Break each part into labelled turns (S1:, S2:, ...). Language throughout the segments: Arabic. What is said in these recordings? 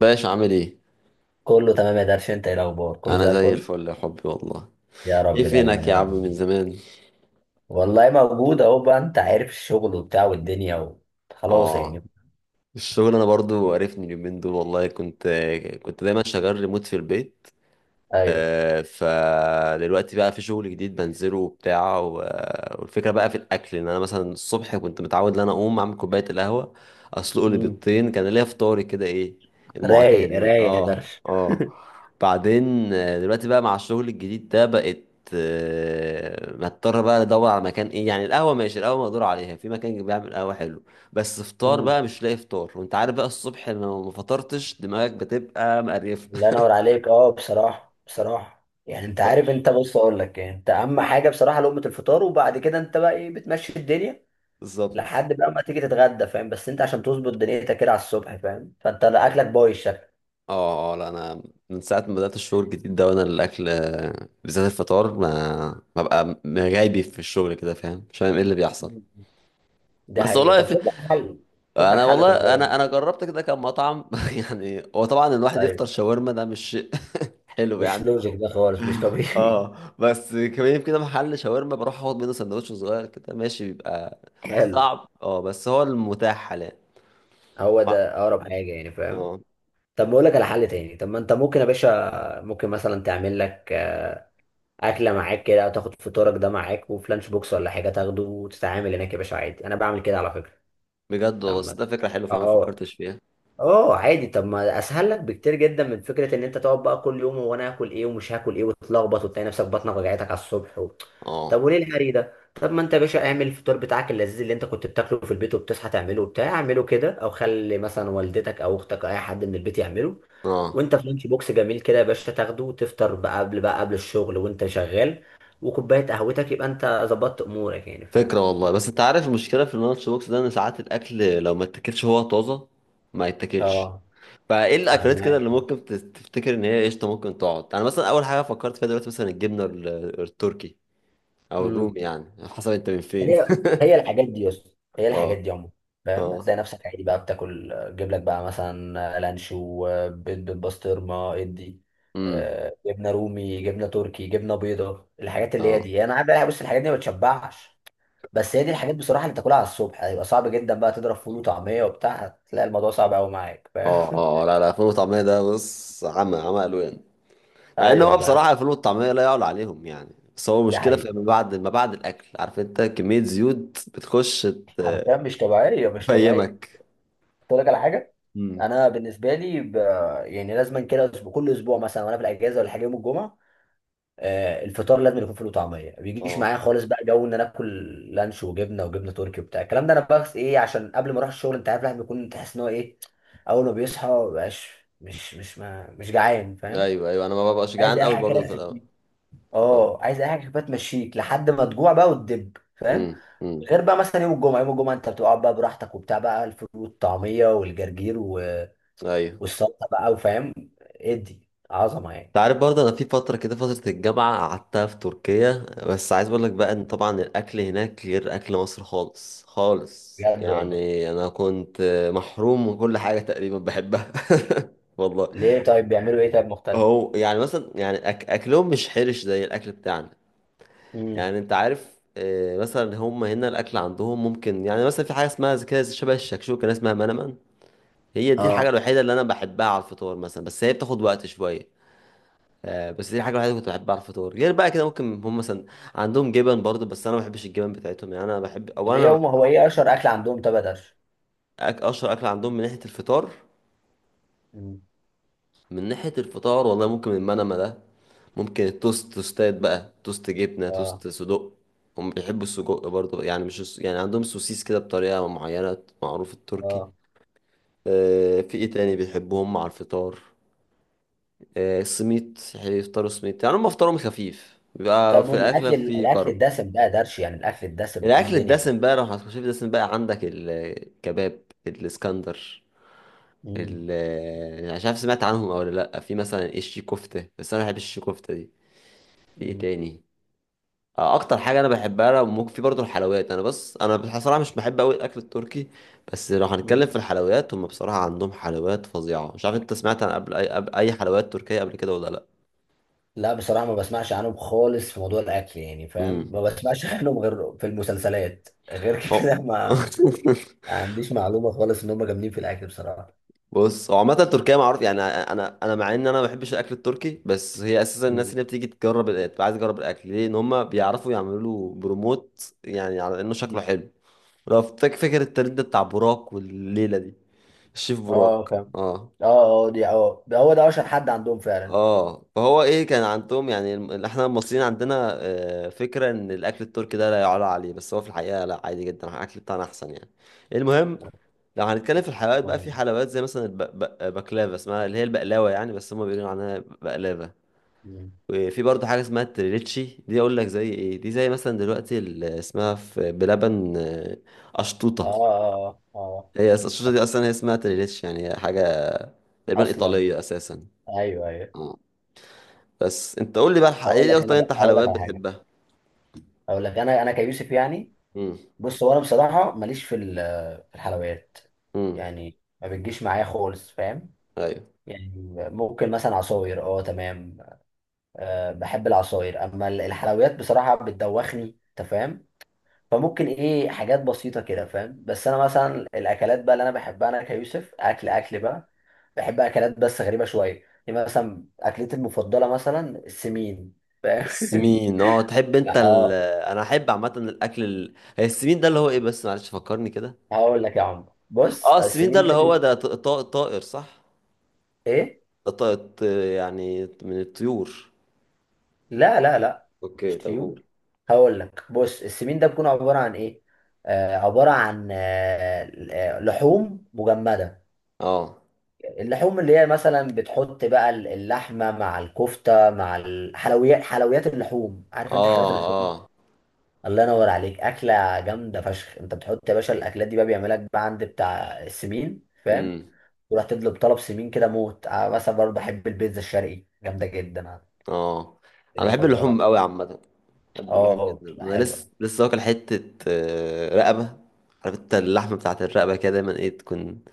S1: باشا عامل ايه؟
S2: كله تمام يا درش، انت ايه الاخبار؟ كله
S1: انا
S2: زي
S1: زي
S2: الفل.
S1: الفل يا حبي والله.
S2: يا رب
S1: ايه
S2: دايما
S1: فينك
S2: يا
S1: يا
S2: رب
S1: عم من
S2: دايما.
S1: زمان؟
S2: والله موجود اهو بقى، انت عارف الشغل وبتاع والدنيا خلاص
S1: اه،
S2: يعني.
S1: الشغل انا برضو عرفني اليومين دول. والله كنت دايما شغال ريموت في البيت.
S2: ايوه.
S1: فدلوقتي بقى في شغل جديد بنزله والفكرة بقى في الأكل، إن أنا مثلا الصبح كنت متعود إن أنا أقوم أعمل كوباية القهوة، أسلق لي
S2: مم.
S1: بيضتين، كان ليا فطاري كده. إيه المعتاد،
S2: رايق
S1: إيه،
S2: رايق يا
S1: آه
S2: درش.
S1: آه. بعدين دلوقتي بقى مع الشغل الجديد ده بقت، بضطر بقى ادور على مكان، ايه يعني، القهوه ماشي، القهوه مقدور عليها، في مكان بيعمل قهوه حلو، بس فطار
S2: مم.
S1: بقى مش لاقي فطار. وانت عارف بقى الصبح لو ما فطرتش دماغك بتبقى مقريفه.
S2: الله ينور عليك. اه بصراحه بصراحه يعني انت عارف، انت بص اقول لك، يعني انت اهم حاجه بصراحه لقمه الفطار، وبعد كده انت بقى ايه بتمشي الدنيا
S1: بالظبط.
S2: لحد بقى ما تيجي تتغدى، فاهم؟ بس انت عشان تظبط دنيتك كده على الصبح، فاهم؟ فانت اكلك بايظ شكل.
S1: اه اه، لا انا من ساعه ما بدات الشغل الجديد ده وانا الاكل، بالذات الفطار، ما ببقى غايبي في الشغل كده، فاهم؟ مش فاهم ايه اللي بيحصل.
S2: مم. ده
S1: بس
S2: حقيقي،
S1: والله
S2: طب
S1: في...
S2: شوف لك حل. شوف لك
S1: انا
S2: حل في
S1: والله
S2: الموضوع
S1: انا جربت كده كام مطعم. يعني هو طبعا الواحد يفطر
S2: ده.
S1: شاورما، ده مش شيء. حلو
S2: مش
S1: يعني.
S2: لوجيك ده خالص، مش طبيعي.
S1: اه، بس كمان كده محل شاورما بروح اخد منه سندوتش صغير كده ماشي، بيبقى
S2: حلو.
S1: صعب، اه، بس هو المتاح حاليا.
S2: هو
S1: اه،
S2: ده اقرب حاجه يعني، فاهم؟
S1: آه،
S2: طب ما اقول لك على حل تاني. طب ما انت ممكن يا باشا، ممكن مثلا تعمل لك اكله معاك كده، او تاخد فطورك ده معاك وفي لانش بوكس ولا حاجه، تاخده وتتعامل هناك يا باشا، عادي. انا بعمل كده على فكره.
S1: بجد والله،
S2: طب
S1: بس
S2: ما-
S1: ده فكره حلوه فعلا، ما
S2: اه
S1: فكرتش فيها.
S2: اه عادي. طب ما اسهل لك بكتير جدا من فكره ان انت تقعد بقى كل يوم هو انا هاكل ايه ومش هاكل ايه، وتتلخبط وتلاقي نفسك بطنك وجعتك على الصبح طب
S1: اه
S2: وليه الهري ده؟ طب ما انت يا باشا اعمل الفطار بتاعك اللذيذ اللي انت كنت بتاكله في البيت وبتصحى تعمله وبتاع، اعمله كده، او خلي مثلا والدتك او اختك او اي حد من البيت يعمله،
S1: اه،
S2: وانت في لانش بوكس جميل كده يا باشا تاخده، وتفطر بقى قبل الشغل وانت شغال. وكوبايه قهوتك، يبقى انت ظبطت امورك يعني، فاهم؟
S1: فكرة والله. بس انت عارف المشكلة في اللانش بوكس ده، ان ساعات الاكل لو ما اتاكلش هو طازة، ما يتاكلش.
S2: اه،
S1: فايه
S2: انا
S1: الاكلات كده
S2: معاك.
S1: اللي ممكن تفتكر ان هي قشطة ممكن تقعد؟ انا مثلا اول حاجة فكرت فيها دلوقتي مثلا الجبنة التركي او
S2: امم
S1: الرومي يعني. حسب انت من فين.
S2: هي هي الحاجات دي يا اسطى. هي الحاجات
S1: اه
S2: دي عموما، فاهم؟
S1: اه،
S2: هتلاقي نفسك عادي بقى بتاكل تجيب لك بقى مثلا لانشو، بيض بالبسطرمه، ادي
S1: امم،
S2: جبنه رومي، جبنه تركي، جبنه بيضه، الحاجات اللي هي
S1: اه
S2: دي يعني. انا عارف بقى، بص الحاجات دي ما بتشبعش، بس هي دي الحاجات بصراحه اللي تاكلها على الصبح. هيبقى صعب جدا بقى تضرب فول وطعميه وبتاع، هتلاقي الموضوع صعب قوي معاك،
S1: اه
S2: فاهم؟
S1: اه، آه. لا لا، الفول والطعمية ده بص، عمى عمى الوان. مع ان هو
S2: ايوه فاهم.
S1: بصراحة الفول والطعمية لا يعلى عليهم يعني، بس هو
S2: دي
S1: مشكلة في
S2: حقيقة،
S1: ما بعد، ما بعد الاكل، عارف انت كمية زيوت بتخش
S2: حرفيا مش طبيعيه مش طبيعيه.
S1: تفيمك.
S2: اقول لك على حاجه،
S1: امم.
S2: انا بالنسبه لي يعني لازما كده كل اسبوع مثلا وانا في الاجازه ولا حاجه يوم الجمعه، الفطار لازم يكون فول وطعميه. ما بيجيش
S1: اه،
S2: معايا خالص بقى جو ان انا اكل لانش وجبنه وجبنه تركي وبتاع الكلام ده، انا بس ايه عشان قبل ما اروح الشغل انت عارف الواحد بيكون تحس ان هو ايه، اول ما بيصحى ما بقاش مش جعان، فاهم؟
S1: ايوه ايوه، انا ما ببقاش
S2: عايز
S1: جعان
S2: اي
S1: قوي
S2: حاجه كده
S1: برضه في الاول.
S2: تخفيك.
S1: اه،
S2: اه، عايز اي حاجه كده تمشيك لحد ما تجوع بقى وتدب، فاهم؟
S1: امم.
S2: غير بقى مثلا يوم الجمعه، يوم الجمعه انت بتقعد بقى براحتك وبتاع بقى الفول والطعميه والجرجير
S1: ايوه،
S2: والسلطه بقى، وفاهم، ادي عظمه يعني.
S1: انت عارف برضه انا في فتره كده، فتره الجامعه قعدتها في تركيا. بس عايز اقول لك بقى ان طبعا الاكل هناك غير اكل مصر خالص خالص،
S2: بجد والله،
S1: يعني انا كنت محروم من كل حاجه تقريبا بحبها. والله.
S2: ليه طيب؟ بيعملوا ايه طيب، مختلف؟
S1: هو يعني مثلا، يعني اكلهم مش حرش زي الاكل بتاعنا.
S2: امم
S1: يعني انت عارف، مثلا هم هنا الاكل عندهم ممكن يعني مثلا في حاجه اسمها كده شبه الشكشوكه، ناس اسمها منمن، هي دي الحاجة
S2: اه،
S1: الوحيدة اللي أنا بحبها على الفطار مثلا، بس هي بتاخد وقت شوية. بس دي الحاجة الوحيدة اللي كنت بحبها على الفطار. غير بقى كده ممكن هم مثلا عندهم جبن برضه، بس أنا ما بحبش الجبن بتاعتهم يعني. أنا بحب،
S2: طب
S1: أو
S2: ايه
S1: أنا
S2: هم، هو ايه اشهر اكل عندهم طب يا درش؟
S1: أشهر أكل عندهم من ناحية الفطار،
S2: مم.
S1: من ناحية الفطار والله ممكن المنما ده. ممكن التوست، توستات بقى، توست جبنة،
S2: اه
S1: توست صدق. هم بيحبوا السجق برضه يعني، مش يعني عندهم سوسيس كده بطريقة معينة، معروف التركي.
S2: اه.
S1: في إيه تاني بيحبوهم مع الفطار؟ سميت، هيفطروا سميت يعني، هم افطارهم خفيف بيبقى،
S2: طب
S1: في الاكله
S2: والاكل،
S1: في
S2: الاكل
S1: كرب.
S2: الدسم بقى يا درش، يعني الاكل الدسم ايه
S1: الاكل
S2: الدنيا؟
S1: الدسم بقى لو هتخش في الدسم بقى عندك الكباب الاسكندر،
S2: مم.
S1: ال آه، مش عارف سمعت عنهم او لا، في مثلا الشي كفته، بس انا ما بحبش الشي كفته دي. في ايه
S2: مم.
S1: تاني؟ اكتر حاجه انا بحبها لو ممكن، في برضه الحلويات. انا بس انا بصراحه مش بحب قوي الاكل التركي، بس لو هنتكلم
S2: مم.
S1: في الحلويات هم بصراحه عندهم حلويات فظيعه. مش عارف انت سمعت عن قبل اي, قبل أي حلويات تركيه قبل كده ولا لا؟
S2: لا بصراحه، ما بسمعش عنهم خالص في موضوع الاكل يعني، فاهم؟
S1: امم،
S2: ما بسمعش عنهم غير في المسلسلات، غير كده
S1: هو.
S2: ما ما عنديش معلومه خالص ان هم جامدين في الاكل بصراحه.
S1: بص هو عامة تركيا معروف يعني، انا انا مع ان انا ما بحبش الاكل التركي، بس هي اساسا الناس
S2: مم.
S1: اللي بتيجي تجرب تبقى عايزه تجرب الاكل ليه؟ ان هم بيعرفوا يعملوا له بروموت يعني على انه شكله
S2: مم.
S1: حلو. لو فاكر، فاكر الترند ده بتاع براك والليله دي، الشيف براك.
S2: اه اه
S1: اه
S2: اه، دي ده هو ده اشهر حد عندهم فعلا.
S1: اه. فهو ايه، كان عندهم يعني احنا المصريين عندنا فكره ان الاكل التركي ده لا يعلى عليه، بس هو في الحقيقه لا، عادي جدا، الاكل بتاعنا احسن يعني. المهم، لو هنتكلم في الحلويات بقى، في
S2: مهم.
S1: حلويات زي مثلا البقلاوة، اسمها اللي هي البقلاوة يعني بس هما بيقولوا عنها بقلاوة.
S2: مم.
S1: وفي برضه حاجة اسمها التريليتشي دي، أقول لك زي إيه، دي زي مثلا دلوقتي اللي اسمها في بلبن
S2: اه
S1: أشطوطة.
S2: اه اه.
S1: هي الأشطوطة دي
S2: آه.
S1: أصلا هي اسمها تريليتشي، يعني هي حاجة تقريبا
S2: اصلا.
S1: إيطالية أساسا.
S2: ايوه ايوه.
S1: اه، بس أنت قول لي بقى،
S2: اقول
S1: إيه
S2: لك انا
S1: أكتر أنت
S2: بقى، اقول لك
S1: حلويات
S2: على حاجه.
S1: بتحبها؟
S2: اقول لك انا كيوسف يعني.
S1: امم،
S2: بص هو انا بصراحه ماليش في في الحلويات
S1: امم،
S2: يعني. ما بتجيش معايا خالص، فاهم؟
S1: أيوه.
S2: يعني ممكن مثلا عصاير، اه تمام. أه بحب العصاير، اما الحلويات بصراحه بتدوخني، انت فاهم؟ فممكن ايه حاجات بسيطة كده، فاهم؟ بس انا مثلا الاكلات بقى اللي انا بحبها، انا كيوسف اكل اكل بقى، بحب اكلات بس غريبة شوية يعني. مثلا اكلتي المفضلة مثلا السمين، فاهم؟
S1: السمين، اه، تحب أنت
S2: لا
S1: ال...
S2: اه.
S1: أنا أحب عامة الأكل ال... هي السمين ده اللي هو إيه، بس معلش فكرني كده.
S2: هقول لك يا عم،
S1: اه
S2: بص
S1: السفين ده
S2: السمين
S1: اللي
S2: ده
S1: هو ده طائر، صح؟
S2: ايه.
S1: ده طائر، يعني من الطيور.
S2: لا لا لا مش
S1: اوكي طب قول.
S2: طيور. هقول لك، بص السمين ده بيكون عبارة عن ايه، عبارة عن لحوم مجمدة.
S1: اه
S2: اللحوم اللي هي مثلا بتحط بقى اللحمه مع الكفته مع الحلويات، حلويات اللحوم، عارف انت حلويات
S1: اه
S2: اللحوم.
S1: اه،
S2: الله ينور عليك، اكله جامده فشخ. انت بتحط يا باشا الاكلات دي بقى، بيعملها لك بقى عند بتاع السمين، فاهم؟
S1: امم،
S2: تروح تطلب طلب سمين كده، موت. مثلا برضه بحب البيتزا الشرقي، جامده جدا عندي
S1: اه. انا بحب
S2: المفضله.
S1: اللحوم قوي عامه، بحب اللحوم
S2: اه
S1: جدا.
S2: بتبقى
S1: انا لسه
S2: حلوه.
S1: لسه واكل حته رقبه. عارف انت اللحمه بتاعت الرقبه كده دايما ايه، تكون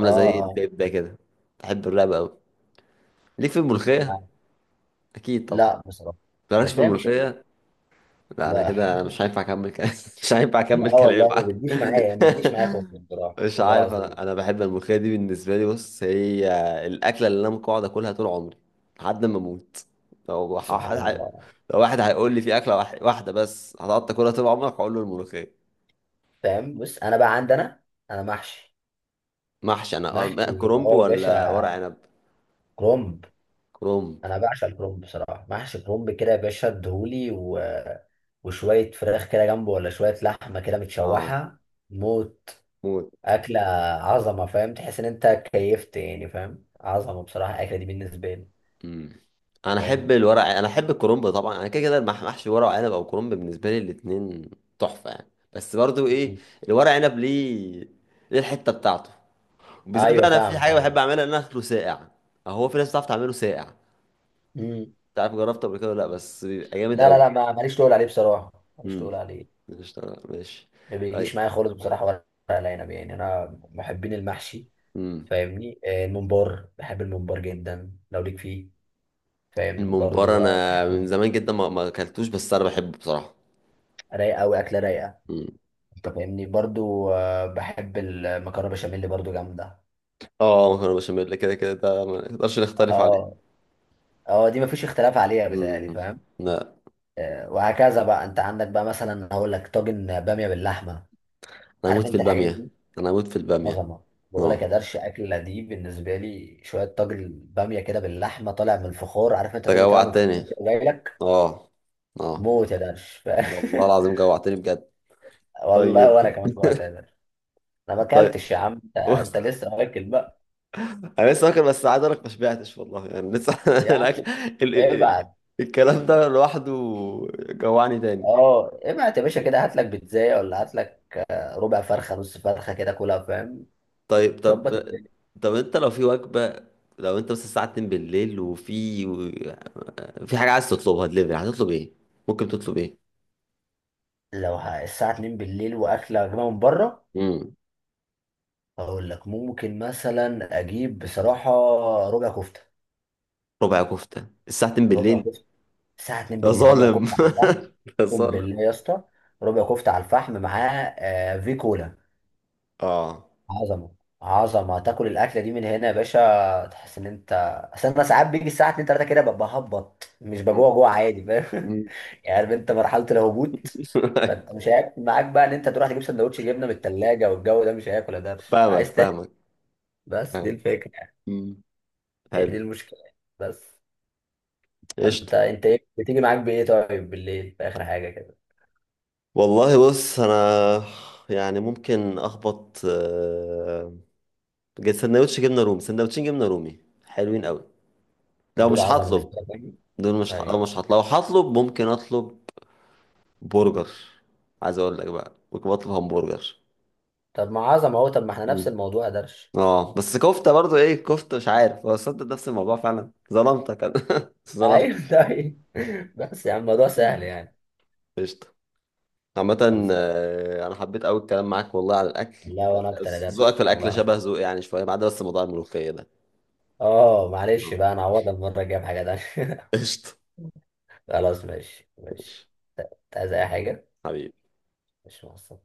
S2: اه
S1: زي
S2: اه.
S1: البيبه كده. بحب الرقبه قوي. ليك في الملوخيه؟
S2: مع-
S1: اكيد طبعا.
S2: لا بصراحه
S1: مالكش في
S2: الملوخيه مش قد-
S1: الملوخيه؟ لا انا
S2: لا.
S1: كده انا مش هينفع اكمل كلام. مش هينفع
S2: لا
S1: اكمل كلامي
S2: والله
S1: معاك.
S2: ما بتجيش معايا، ما بتجيش معايا خالص بصراحه
S1: مش
S2: والله
S1: عارف، انا
S2: العظيم.
S1: انا بحب الملوخيه دي، بالنسبه لي بص، هي الاكله اللي انا ممكن اقعد اكلها طول عمري لحد ما اموت. لو
S2: سبحان الله.
S1: لو واحد هيقول لي في اكله واحده بس هتقعد تاكلها طول عمرك، هقول له الملوخيه.
S2: فاهم؟ بص انا بقى عندنا، انا محشي.
S1: محشي انا. أه،
S2: محشي
S1: كرنب
S2: اه يا
S1: ولا ورق
S2: باشا،
S1: عنب؟
S2: كرومب.
S1: كرنب.
S2: انا بعشق الكرومب بصراحه، محشي كرومب كده يا باشا، ادهولي وشويه فراخ كده جنبه ولا شويه لحمه كده
S1: اه،
S2: متشوحه. موت.
S1: موت.
S2: اكله عظمه، فاهم؟ تحس ان انت كيفت يعني، فاهم؟ عظمه بصراحه الاكله دي بالنسبه لي.
S1: مم. انا احب
S2: فاهم
S1: الورق، انا احب الكرنب طبعا، انا كده كده محشي ورق عنب او كرنب بالنسبه لي الاتنين تحفه يعني. بس برضو ايه،
S2: مم.
S1: الورق عنب ليه ليه الحته بتاعته، وبالذات
S2: ايوه
S1: بقى انا في
S2: فاهمك
S1: حاجه
S2: ايوه.
S1: بحب اعملها، ان انا اكله ساقع. هو في ناس بتعرف تعمله ساقع،
S2: مم.
S1: مش عارف جربته قبل كده ولا لا، بس بيبقى جامد
S2: لا لا
S1: قوي.
S2: لا، ما ماليش تقول عليه بصراحه، ماليش تقول
S1: امم،
S2: عليه.
S1: مش ماشي.
S2: ما بيجيش
S1: طيب.
S2: معايا خالص بصراحه، ولا ورق العنب يعني، انا محبين المحشي،
S1: امم.
S2: فاهمني؟ الممبار، بحب الممبار جدا لو ليك فيه، فاهمني؟ برضو
S1: الممبار انا من
S2: بحب.
S1: زمان جدا ما ما اكلتوش، بس انا بحبه بصراحه.
S2: رايقه قوي، اكله رايقه.
S1: امم.
S2: انت فاهمني، برضو بحب المكرونه بشاميل برضو جامده.
S1: اه، مكرونه بشاميل كده كده ده ما نقدرش نختلف عليه.
S2: اه اه، دي مفيش اختلاف عليها بتهيألي،
S1: امم.
S2: فاهم؟
S1: لا،
S2: وهكذا بقى، انت عندك بقى مثلا، هقول لك طاجن باميه باللحمه،
S1: انا
S2: عارف
S1: اموت في
S2: انت الحاجات
S1: الباميه،
S2: دي،
S1: انا اموت في الباميه.
S2: عظمه. بقول لك يا
S1: اه،
S2: درش، اكله دي بالنسبه لي شويه طاجن باميه كده باللحمه طالع من الفخار، عارف انت؟
S1: انت
S2: طاجن طالع من الفخار
S1: جوعتني.
S2: كده جاي لك،
S1: اه، اه،
S2: موت يا درش.
S1: والله العظيم جوعتني بجد.
S2: والله وانا
S1: طيب.
S2: كمان وقتها ده، انا ما
S1: طيب.
S2: اكلتش يا عم، انت أنت لسه واكل بقى.
S1: انا لسه واكل، بس عايز اقول لك ما شبعتش والله يعني لسه
S2: يا
S1: الأكل-
S2: عم
S1: ال... ال... ال...
S2: ابعت،
S1: الكلام ده لوحده جوعني تاني.
S2: اه ابعت يا باشا، كده هات لك بيتزايه، ولا هات لك ربع فرخه نص فرخه كده كلها، فاهم؟
S1: طيب، طب،
S2: ظبط الدنيا.
S1: طب انت لو في وجبه، لو انت بس الساعه 2 بالليل وفي، في حاجه عايز تطلبها دليفري هتطلب ايه؟ ممكن تطلب ايه؟
S2: الساعه 2 بالليل واكله يا جماعه من بره،
S1: امم،
S2: هقول لك ممكن مثلا اجيب بصراحه ربع كفته.
S1: ربع كفته الساعه 2
S2: ربع
S1: بالليل؟
S2: كفته الساعه 2
S1: يا
S2: بالليل، ربع
S1: ظالم.
S2: كفته على الفحم،
S1: يا
S2: اقسم
S1: ظالم.
S2: بالله يا اسطى. ربع كفته على الفحم معاه في كولا.
S1: اه،
S2: عظمة. عظمة تاكل الأكلة دي من هنا يا باشا، تحس إن أنت، أصل أنا ساعات بيجي الساعة 2 3 كده ببقى هبط، مش
S1: مم.
S2: بجوع جوع عادي، فاهم؟
S1: مم.
S2: يعني عارف أنت مرحلة الهبوط، فأنت مش هياكل معاك بقى إن أنت تروح تجيب سندوتش جبنة من التلاجة، والجو ده مش هياكل ده.
S1: فاهمك،
S2: عايز تاكل،
S1: فاهمك،
S2: بس دي
S1: فاهمك.
S2: الفكرة يعني.
S1: مم.
S2: هي دي
S1: حلو.
S2: المشكلة يعني، بس.
S1: قشطة.
S2: فأنت إيه بتيجي معاك بإيه طيب بالليل في آخر حاجة كده؟
S1: والله بص انا، يعني ممكن اخبط سندوتش جبنة رومي، سندوتشين جبنة رومي حلوين قوي. لو
S2: دول
S1: مش
S2: عظمة بالنسبة
S1: هطلب،
S2: لك يعني؟
S1: دول مش ه- لو
S2: أيوه.
S1: مش هطلب، لو هطلب ممكن اطلب برجر. عايز اقول لك بقى ممكن اطلب همبرجر.
S2: طب ما عظمة أهو، طب ما إحنا نفس
S1: مم.
S2: الموضوع يا درش.
S1: اه، بس كفتة برضو ايه، كفتة، مش عارف هو صدق نفس الموضوع فعلا، ظلمتك انا. ظلمتك.
S2: أيوه. طيب، بس يا عم الموضوع سهل يعني.
S1: قشطة.
S2: خلص.
S1: عامة أنا حبيت أوي الكلام معاك والله على الأكل.
S2: لا وانا اكتر يا
S1: ذوقك
S2: درش
S1: في
S2: والله
S1: الأكل
S2: انا.
S1: شبه ذوقي يعني شوية، ما عدا بس موضوع الملوخية ده.
S2: اه معلش
S1: آه.
S2: بقى، انا هعوضها المره الجايه بحاجه تانيه.
S1: قشطة.
S2: خلاص، ماشي ماشي.
S1: ماشي.
S2: انت عايز اي حاجه؟
S1: حبيبي.
S2: مش مقصر.